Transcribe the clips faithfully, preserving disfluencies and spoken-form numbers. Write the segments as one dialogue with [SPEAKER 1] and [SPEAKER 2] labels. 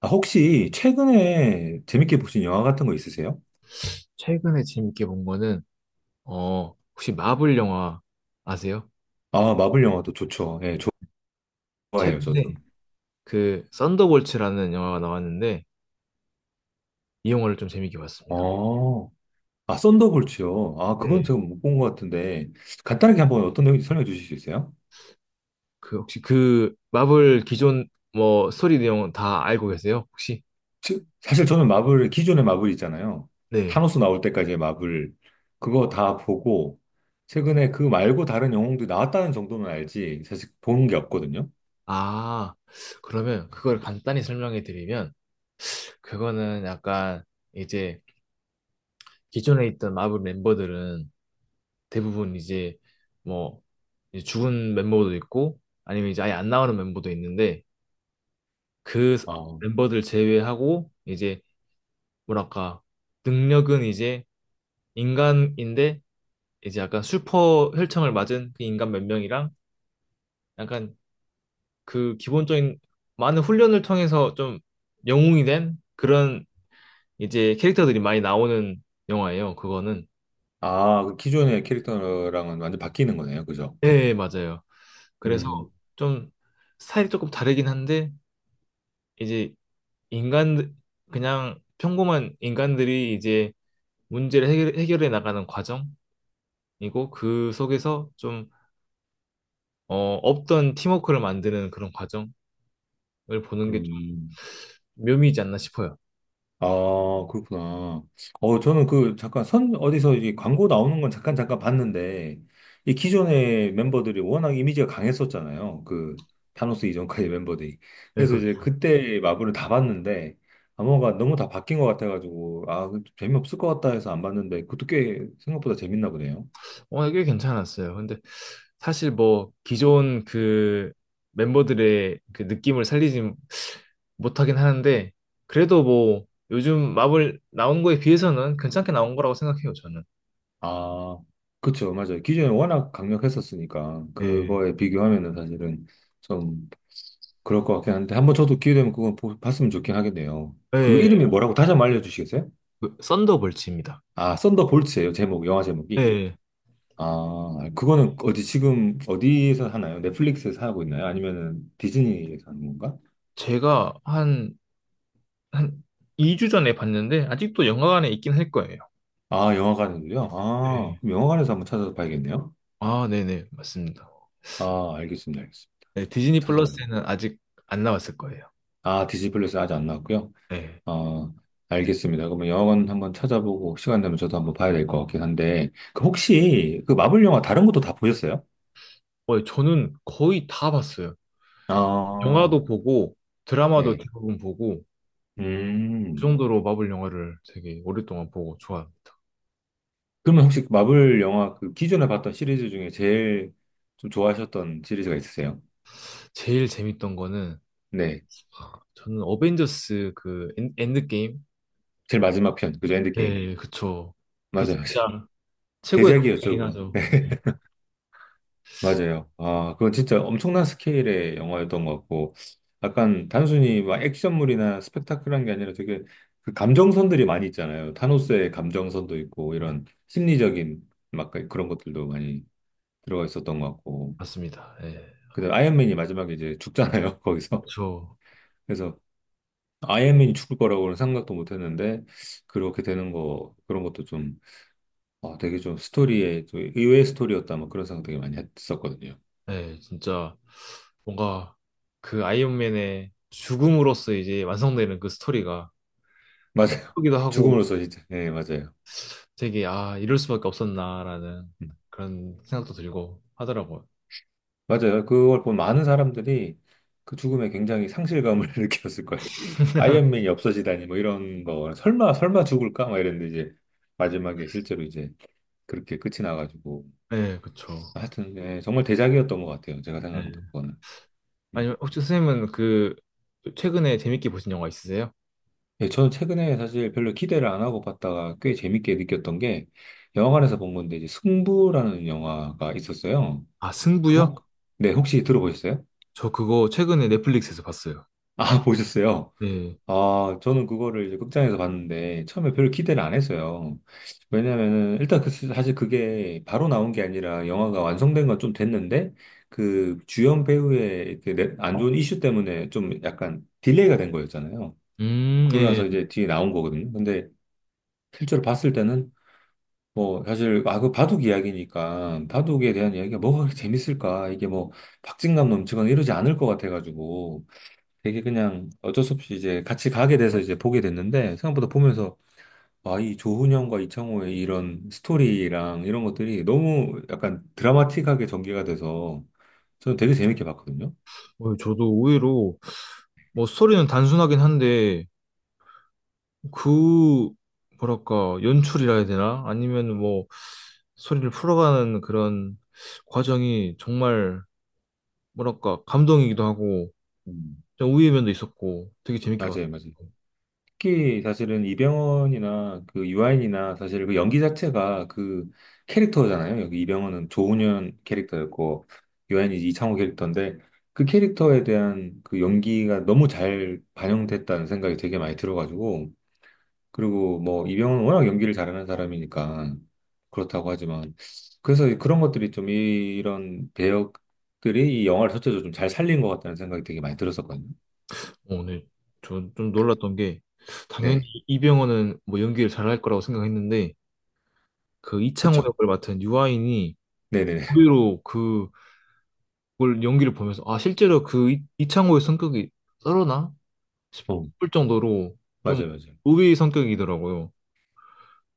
[SPEAKER 1] 아, 혹시 최근에 재밌게 보신 영화 같은 거 있으세요?
[SPEAKER 2] 최근에 재밌게 본 거는 어 혹시 마블 영화 아세요?
[SPEAKER 1] 아, 마블 영화도 좋죠. 예, 좋아해요, 저도.
[SPEAKER 2] 최근에 그 썬더볼츠라는 영화가 나왔는데 이 영화를 좀 재밌게 봤습니다.
[SPEAKER 1] 어, 아, 썬더볼츠요. 아, 그건
[SPEAKER 2] 네.
[SPEAKER 1] 제가 못 본 것 같은데, 간단하게 한번 어떤 내용인지 설명해 주실 수 있어요?
[SPEAKER 2] 그 혹시 그 마블 기존 뭐 스토리 내용 다 알고 계세요? 혹시?
[SPEAKER 1] 지- 사실 저는 마블, 기존의 마블 있잖아요.
[SPEAKER 2] 네.
[SPEAKER 1] 타노스 나올 때까지의 마블, 그거 다 보고, 최근에 그 말고 다른 영웅도 나왔다는 정도는 알지, 사실 본 게 없거든요.
[SPEAKER 2] 아, 그러면 그걸 간단히 설명해 드리면 그거는 약간 이제 기존에 있던 마블 멤버들은 대부분 이제 뭐 이제 죽은 멤버도 있고 아니면 이제 아예 안 나오는 멤버도 있는데 그
[SPEAKER 1] 아,
[SPEAKER 2] 멤버들 제외하고 이제 뭐랄까 능력은 이제 인간인데 이제 약간 슈퍼 혈청을 맞은 그 인간 몇 명이랑 약간 그 기본적인 많은 훈련을 통해서 좀 영웅이 된 그런 이제 캐릭터들이 많이 나오는 영화예요. 그거는.
[SPEAKER 1] 아, 그 기존의 캐릭터랑은 완전 바뀌는 거네요, 그죠?
[SPEAKER 2] 예, 예, 맞아요. 그래서
[SPEAKER 1] 음,
[SPEAKER 2] 좀 스타일이 조금 다르긴 한데 이제 인간 그냥 평범한 인간들이 이제 문제를 해결, 해결해 나가는 과정 이고 그 속에서 좀 어, 없던 팀워크를 만드는 그런 과정을 보는 게 좀
[SPEAKER 1] 음.
[SPEAKER 2] 묘미이지 않나 싶어요.
[SPEAKER 1] 아, 그렇구나. 어, 저는 그, 잠깐 선, 어디서 이 광고 나오는 건 잠깐, 잠깐 봤는데, 이 기존의 멤버들이 워낙 이미지가 강했었잖아요. 그, 타노스 이전까지 멤버들이.
[SPEAKER 2] 네, 그,
[SPEAKER 1] 그래서
[SPEAKER 2] 렇.
[SPEAKER 1] 이제 그때 마블을 다 봤는데, 암호가 너무 다 바뀐 것 같아가지고, 아, 그 재미없을 것 같다 해서 안 봤는데, 그것도 꽤 생각보다 재밌나 보네요.
[SPEAKER 2] 어, 꽤 괜찮았어요. 근데 사실 뭐 기존 그 멤버들의 그 느낌을 살리지 못하긴 하는데 그래도 뭐 요즘 마블 나온 거에 비해서는 괜찮게 나온 거라고 생각해요, 저는.
[SPEAKER 1] 아, 그쵸, 맞아요. 기존에 워낙 강력했었으니까,
[SPEAKER 2] 예.
[SPEAKER 1] 그거에 비교하면은 사실은 좀 그럴 것 같긴 한데, 한번 저도 기회 되면 그건 보- 봤으면 좋긴 하겠네요. 그
[SPEAKER 2] 예.
[SPEAKER 1] 이름이 뭐라고 다시 한번 알려주시겠어요?
[SPEAKER 2] 그 썬더볼츠입니다.
[SPEAKER 1] 아, 썬더볼츠예요, 제목, 영화 제목이.
[SPEAKER 2] 예.
[SPEAKER 1] 아, 그거는 어디 지금 어디에서 하나요? 넷플릭스에서 하고 있나요? 아니면은 디즈니에서 하는 건가?
[SPEAKER 2] 제가 한, 한 이 주 전에 봤는데 아직도 영화관에 있긴 할 거예요.
[SPEAKER 1] 아, 영화관에서요? 아, 그럼
[SPEAKER 2] 네.
[SPEAKER 1] 영화관에서 한번 찾아서 봐야겠네요.
[SPEAKER 2] 아, 네네, 맞습니다.
[SPEAKER 1] 아, 알겠습니다, 알겠습니다.
[SPEAKER 2] 네, 디즈니
[SPEAKER 1] 찾아봐야겠다.
[SPEAKER 2] 플러스에는 아직 안 나왔을 거예요.
[SPEAKER 1] 아, 디즈니 플러스 아직 안 나왔고요.
[SPEAKER 2] 네.
[SPEAKER 1] 어, 알겠습니다. 그러면 영화관 한번 찾아보고 시간 되면 저도 한번 봐야 될 것 같긴 한데, 그
[SPEAKER 2] 네.
[SPEAKER 1] 혹시 그 마블 영화 다른 것도 다 보셨어요?
[SPEAKER 2] 어, 저는 거의 다 봤어요.
[SPEAKER 1] 아,
[SPEAKER 2] 영화도 보고, 드라마도
[SPEAKER 1] 네.
[SPEAKER 2] 대부분 보고, 그
[SPEAKER 1] 음.
[SPEAKER 2] 정도로 마블 영화를 되게 오랫동안 보고 좋아합니다.
[SPEAKER 1] 그러면 혹시 그 마블 영화 그 기존에 봤던 시리즈 중에 제일 좀 좋아하셨던 시리즈가 있으세요?
[SPEAKER 2] 제일 재밌던 거는,
[SPEAKER 1] 네.
[SPEAKER 2] 저는 어벤져스 그 엔, 엔드게임?
[SPEAKER 1] 제일 마지막 편, 그죠? 엔드게임.
[SPEAKER 2] 네, 그쵸. 그
[SPEAKER 1] 맞아요, 맞아요.
[SPEAKER 2] 진짜 최고의
[SPEAKER 1] 대작이었죠,
[SPEAKER 2] 감동이긴
[SPEAKER 1] 그건.
[SPEAKER 2] 하죠. 네,
[SPEAKER 1] 맞아요. 아, 그건 진짜 엄청난 스케일의 영화였던 것 같고, 약간 단순히 막 액션물이나 스펙타클한 게 아니라 되게 그 감정선들이 많이 있잖아요. 타노스의 감정선도 있고, 이런 심리적인 막 그런 것들도 많이 들어가 있었던 것 같고.
[SPEAKER 2] 맞습니다. 네.
[SPEAKER 1] 근데 아이언맨이 마지막에 이제 죽잖아요, 거기서.
[SPEAKER 2] 그쵸.
[SPEAKER 1] 그래서 아이언맨이 죽을 거라고는 생각도 못 했는데, 그렇게 되는 거, 그런 것도 좀, 아, 되게 좀 스토리에, 좀 의외의 스토리였다, 뭐 그런 생각 되게 많이 했었거든요.
[SPEAKER 2] 네, 진짜 뭔가 그 아이언맨의 죽음으로써 이제 완성되는 그 스토리가 뭐
[SPEAKER 1] 맞아요.
[SPEAKER 2] 슬프기도 하고
[SPEAKER 1] 죽음으로써 진짜, 예, 맞아요.
[SPEAKER 2] 되게 아, 이럴 수밖에 없었나라는 그런 생각도 들고 하더라고요.
[SPEAKER 1] 맞아요. 그걸 본 많은 사람들이 그 죽음에 굉장히 상실감을 느꼈을 거예요. 아이언맨이 없어지다니 뭐 이런 거 설마 설마 죽을까 막 이랬는데 이제 마지막에 실제로 이제 그렇게 끝이 나가지고
[SPEAKER 2] 네, 그쵸.
[SPEAKER 1] 하여튼 예, 정말 대작이었던 것 같아요. 제가 생각해도
[SPEAKER 2] 네.
[SPEAKER 1] 그거는. 음.
[SPEAKER 2] 아니면 혹시 선생님은 그 최근에 재밌게 보신 영화 있으세요?
[SPEAKER 1] 예, 저는 최근에 사실 별로 기대를 안 하고 봤다가 꽤 재밌게 느꼈던 게 영화관에서 본 건데 이제 승부라는 영화가 있었어요.
[SPEAKER 2] 아,
[SPEAKER 1] 그
[SPEAKER 2] 승부요?
[SPEAKER 1] 혹, 네, 혹시 들어보셨어요?
[SPEAKER 2] 저 그거 최근에 넷플릭스에서 봤어요.
[SPEAKER 1] 아, 보셨어요?
[SPEAKER 2] 네.
[SPEAKER 1] 아, 저는 그거를 이제 극장에서 봤는데 처음에 별로 기대를 안 했어요. 왜냐면은 일단 그 사실 그게 바로 나온 게 아니라 영화가 완성된 건 좀 됐는데 그 주연 배우의 그 내- 안 좋은 이슈 때문에 좀 약간 딜레이가 된 거였잖아요.
[SPEAKER 2] 음, 네.
[SPEAKER 1] 그러라서 이제 뒤에 나온 거거든요. 근데 실제로 봤을 때는 뭐 사실 아 그 바둑 이야기니까 바둑에 대한 이야기가 뭐가 그렇게 재밌을까 이게 뭐 박진감 넘치거나 이러지 않을 것 같아가지고 되게 그냥 어쩔 수 없이 이제 같이 가게 돼서 이제 보게 됐는데 생각보다 보면서 와, 이 조훈현과 이창호의 이런 스토리랑 이런 것들이 너무 약간 드라마틱하게 전개가 돼서 저는 되게 재밌게 봤거든요.
[SPEAKER 2] 어, 저도 의외로 뭐 스토리는 단순하긴 한데 그 뭐랄까 연출이라 해야 되나? 아니면 뭐 소리를 풀어가는 그런 과정이 정말 뭐랄까 감동이기도 하고
[SPEAKER 1] 음.
[SPEAKER 2] 좀 우위의 면도 있었고 되게 재밌게 봤어요.
[SPEAKER 1] 맞아요, 맞아요. 특히 사실은 이병헌이나 그 유아인이나 사실 그 연기 자체가 그 캐릭터잖아요. 여기 이병헌은 조훈현 캐릭터였고 유아인이 이창호 캐릭터인데 그 캐릭터에 대한 그 연기가 너무 잘 반영됐다는 생각이 되게 많이 들어가지고 그리고 뭐 이병헌은 워낙 연기를 잘하는 사람이니까 그렇다고 하지만 그래서 그런 것들이 좀 이- 이런 배역들이 이 영화를 전체적으로 좀 잘 살린 것 같다는 생각이 되게 많이 들었었거든요.
[SPEAKER 2] 어, 네. 저좀 놀랐던 게 당연히
[SPEAKER 1] 네,
[SPEAKER 2] 이병헌은 뭐 연기를 잘할 거라고 생각했는데 그 이창호
[SPEAKER 1] 그쵸.
[SPEAKER 2] 역을 맡은 유아인이
[SPEAKER 1] 네네네.
[SPEAKER 2] 의외로 그걸 연기를 보면서 아 실제로 그 이, 이창호의 성격이 썰어나
[SPEAKER 1] 어,
[SPEAKER 2] 싶을 정도로 좀
[SPEAKER 1] 맞아요, 맞아요.
[SPEAKER 2] 우위 성격이더라고요.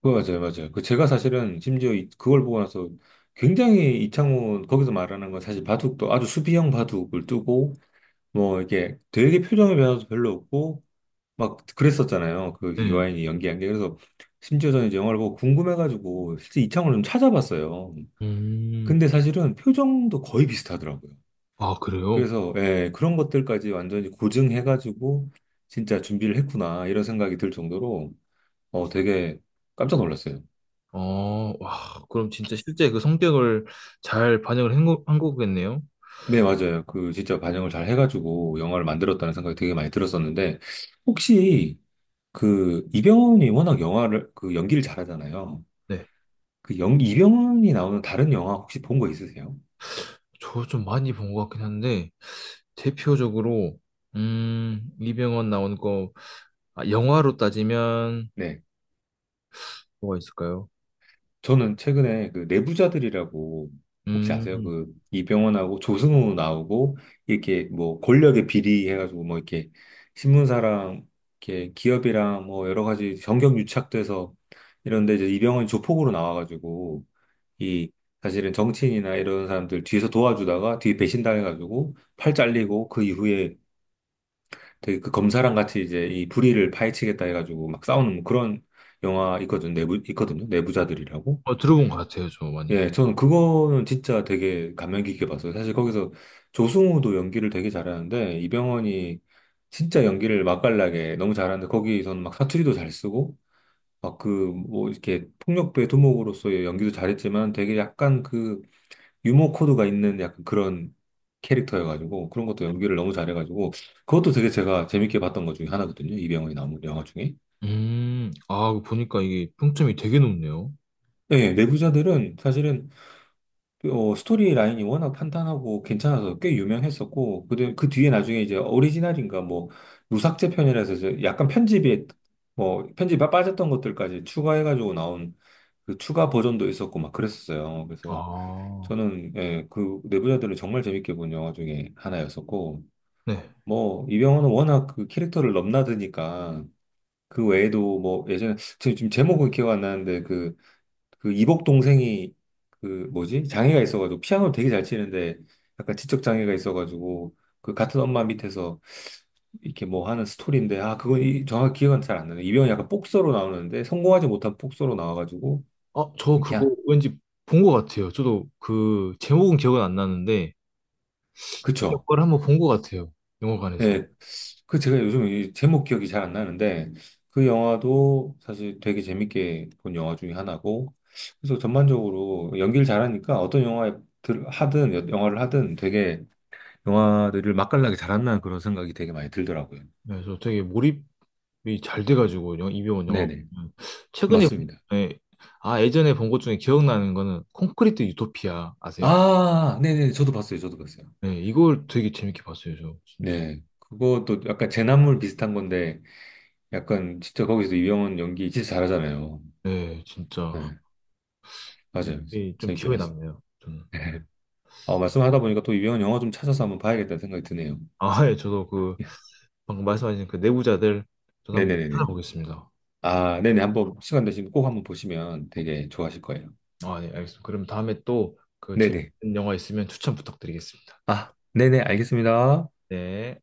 [SPEAKER 1] 그거 맞아요, 맞아요. 그 제가 사실은 심지어 이- 그걸 보고 나서 굉장히 이창훈 거기서 말하는 건 사실 바둑도 아주 수비형 바둑을 두고 뭐 이게 되게 표정의 변화도 별로 없고 막 그랬었잖아요. 그
[SPEAKER 2] 네.
[SPEAKER 1] 유아인이 연기한 게. 그래서 심지어 저는 이제 영화를 보고 궁금해가지고 실제 이창호를 좀 찾아봤어요.
[SPEAKER 2] 음.
[SPEAKER 1] 근데 사실은 표정도 거의 비슷하더라고요.
[SPEAKER 2] 아, 그래요?
[SPEAKER 1] 그래서 예, 그런 것들까지 완전히 고증해가지고 진짜 준비를 했구나 이런 생각이 들 정도로 어, 되게 깜짝 놀랐어요.
[SPEAKER 2] 어, 와, 그럼 진짜 실제 그 성격을 잘 반영을 한, 거, 한 거겠네요?
[SPEAKER 1] 네, 맞아요. 그 진짜 반영을 잘 해가지고 영화를 만들었다는 생각이 되게 많이 들었었는데 혹시 그 이병헌이 워낙 영화를 그 연기를 잘하잖아요.
[SPEAKER 2] 네.
[SPEAKER 1] 그 영, 이병헌이 나오는 다른 영화 혹시 본 거 있으세요?
[SPEAKER 2] 저 좀 많이 본 것 같긴 한데, 대표적으로, 음, 이병헌 나온 거, 아, 영화로 따지면,
[SPEAKER 1] 네.
[SPEAKER 2] 뭐가 있을까요?
[SPEAKER 1] 저는 최근에 그 내부자들이라고 혹시 아세요?
[SPEAKER 2] 음,
[SPEAKER 1] 그 이병헌하고 조승우 나오고 이렇게 뭐 권력의 비리 해가지고 뭐 이렇게 신문사랑 이렇게 기업이랑 뭐 여러 가지 정경 유착돼서 이런데 이제 이병헌이 조폭으로 나와가지고 이 사실은 정치인이나 이런 사람들 뒤에서 도와주다가 뒤에 배신당해가지고 팔 잘리고 그 이후에 되게 그 검사랑 같이 이제 이 불의를 파헤치겠다 해가지고 막 싸우는 뭐 그런 영화 있거든, 내부, 있거든요. 내부자들이라고.
[SPEAKER 2] 어, 들어본 것 같아요, 저 많이.
[SPEAKER 1] 예, 저는 그거는 진짜 되게 감명 깊게 봤어요. 사실 거기서 조승우도 연기를 되게 잘하는데 이병헌이 진짜 연기를 맛깔나게 너무 잘하는데 거기서는 막 사투리도 잘 쓰고 막 그 뭐 이렇게 폭력배 두목으로서의 연기도 잘했지만 되게 약간 그 유머 코드가 있는 약간 그런 캐릭터여가지고 그런 것도 연기를 너무 잘해가지고 그것도 되게 제가 재밌게 봤던 것 중에 하나거든요. 이병헌이 나온 영화 중에.
[SPEAKER 2] 음, 아, 그거 보니까 이게 평점이 되게 높네요.
[SPEAKER 1] 네, 내부자들은 사실은 어, 스토리 라인이 워낙 탄탄하고 괜찮아서 꽤 유명했었고 그, 그 뒤에 나중에 이제 오리지널인가 뭐 무삭제 편이라서 이제 약간 편집이 뭐 편집이 빠졌던 것들까지 추가해가지고 나온 그 추가 버전도 있었고 막 그랬었어요. 그래서
[SPEAKER 2] 아,
[SPEAKER 1] 저는 예, 그 내부자들은 정말 재밌게 본 영화 중에 하나였었고
[SPEAKER 2] 네.
[SPEAKER 1] 뭐 이병헌은 워낙 그 캐릭터를 넘나드니까 그 외에도 뭐 예전에 지금 지금 제목은 기억 안 나는데 그 그 이복 동생이 그 뭐지 장애가 있어가지고 피아노를 되게 잘 치는데 약간 지적 장애가 있어가지고 그 같은 엄마 밑에서 이렇게 뭐 하는 스토리인데 아 그건 이, 정확히 기억은 잘 안 나네 이병헌이 약간 복서로 나오는데 성공하지 못한 복서로 나와가지고
[SPEAKER 2] 아, 저
[SPEAKER 1] 그냥
[SPEAKER 2] 그거 왠지 본 것 같아요. 저도 그, 제목은 기억은 안 나는데, 그
[SPEAKER 1] 그쵸
[SPEAKER 2] 역할을 한번 본 것 같아요. 영화관에서.
[SPEAKER 1] 네, 그 제가 요즘 이 제목 기억이 잘 안 나는데 그 영화도 사실 되게 재밌게 본 영화 중에 하나고 그래서 전반적으로 연기를 잘하니까 어떤 영화에 들- 하든 여- 영화를 하든 되게 영화들을 맛깔나게 잘한다는 그런 생각이 되게 많이 들더라고요.
[SPEAKER 2] 네, 그래서 되게 몰입이 잘 돼가지고 영- 이병헌 영화
[SPEAKER 1] 네네,
[SPEAKER 2] 보면. 최근에.
[SPEAKER 1] 맞습니다.
[SPEAKER 2] 네. 아 예전에 본 것 중에 기억나는 거는 콘크리트 유토피아 아세요?
[SPEAKER 1] 아, 네네, 저도 봤어요, 저도 봤어요.
[SPEAKER 2] 네, 이걸 되게 재밌게 봤어요, 저 진짜.
[SPEAKER 1] 네, 그것도 약간 재난물 비슷한 건데 약간 진짜 거기서 유영은 연기 진짜 잘하잖아요.
[SPEAKER 2] 네, 진짜
[SPEAKER 1] 네, 맞아요,
[SPEAKER 2] 이게 좀
[SPEAKER 1] 재밌게
[SPEAKER 2] 기억에
[SPEAKER 1] 봤어요.
[SPEAKER 2] 남네요. 저는.
[SPEAKER 1] 어, 말씀하다 보니까 또 유명한 영화 좀 찾아서 한번 봐야겠다는 생각이 드네요.
[SPEAKER 2] 아, 예, 저도 그
[SPEAKER 1] 예.
[SPEAKER 2] 방금 말씀하신 그 내부자들 저도 한번
[SPEAKER 1] 네네네네.
[SPEAKER 2] 찾아보겠습니다.
[SPEAKER 1] 아, 네네. 한번 시간 되시면 꼭 한번 보시면 되게 좋아하실 거예요.
[SPEAKER 2] 아, 네, 알겠습니다. 그럼 다음에 또 그
[SPEAKER 1] 네네.
[SPEAKER 2] 재밌는 영화 있으면 추천 부탁드리겠습니다.
[SPEAKER 1] 아, 네네. 알겠습니다.
[SPEAKER 2] 네.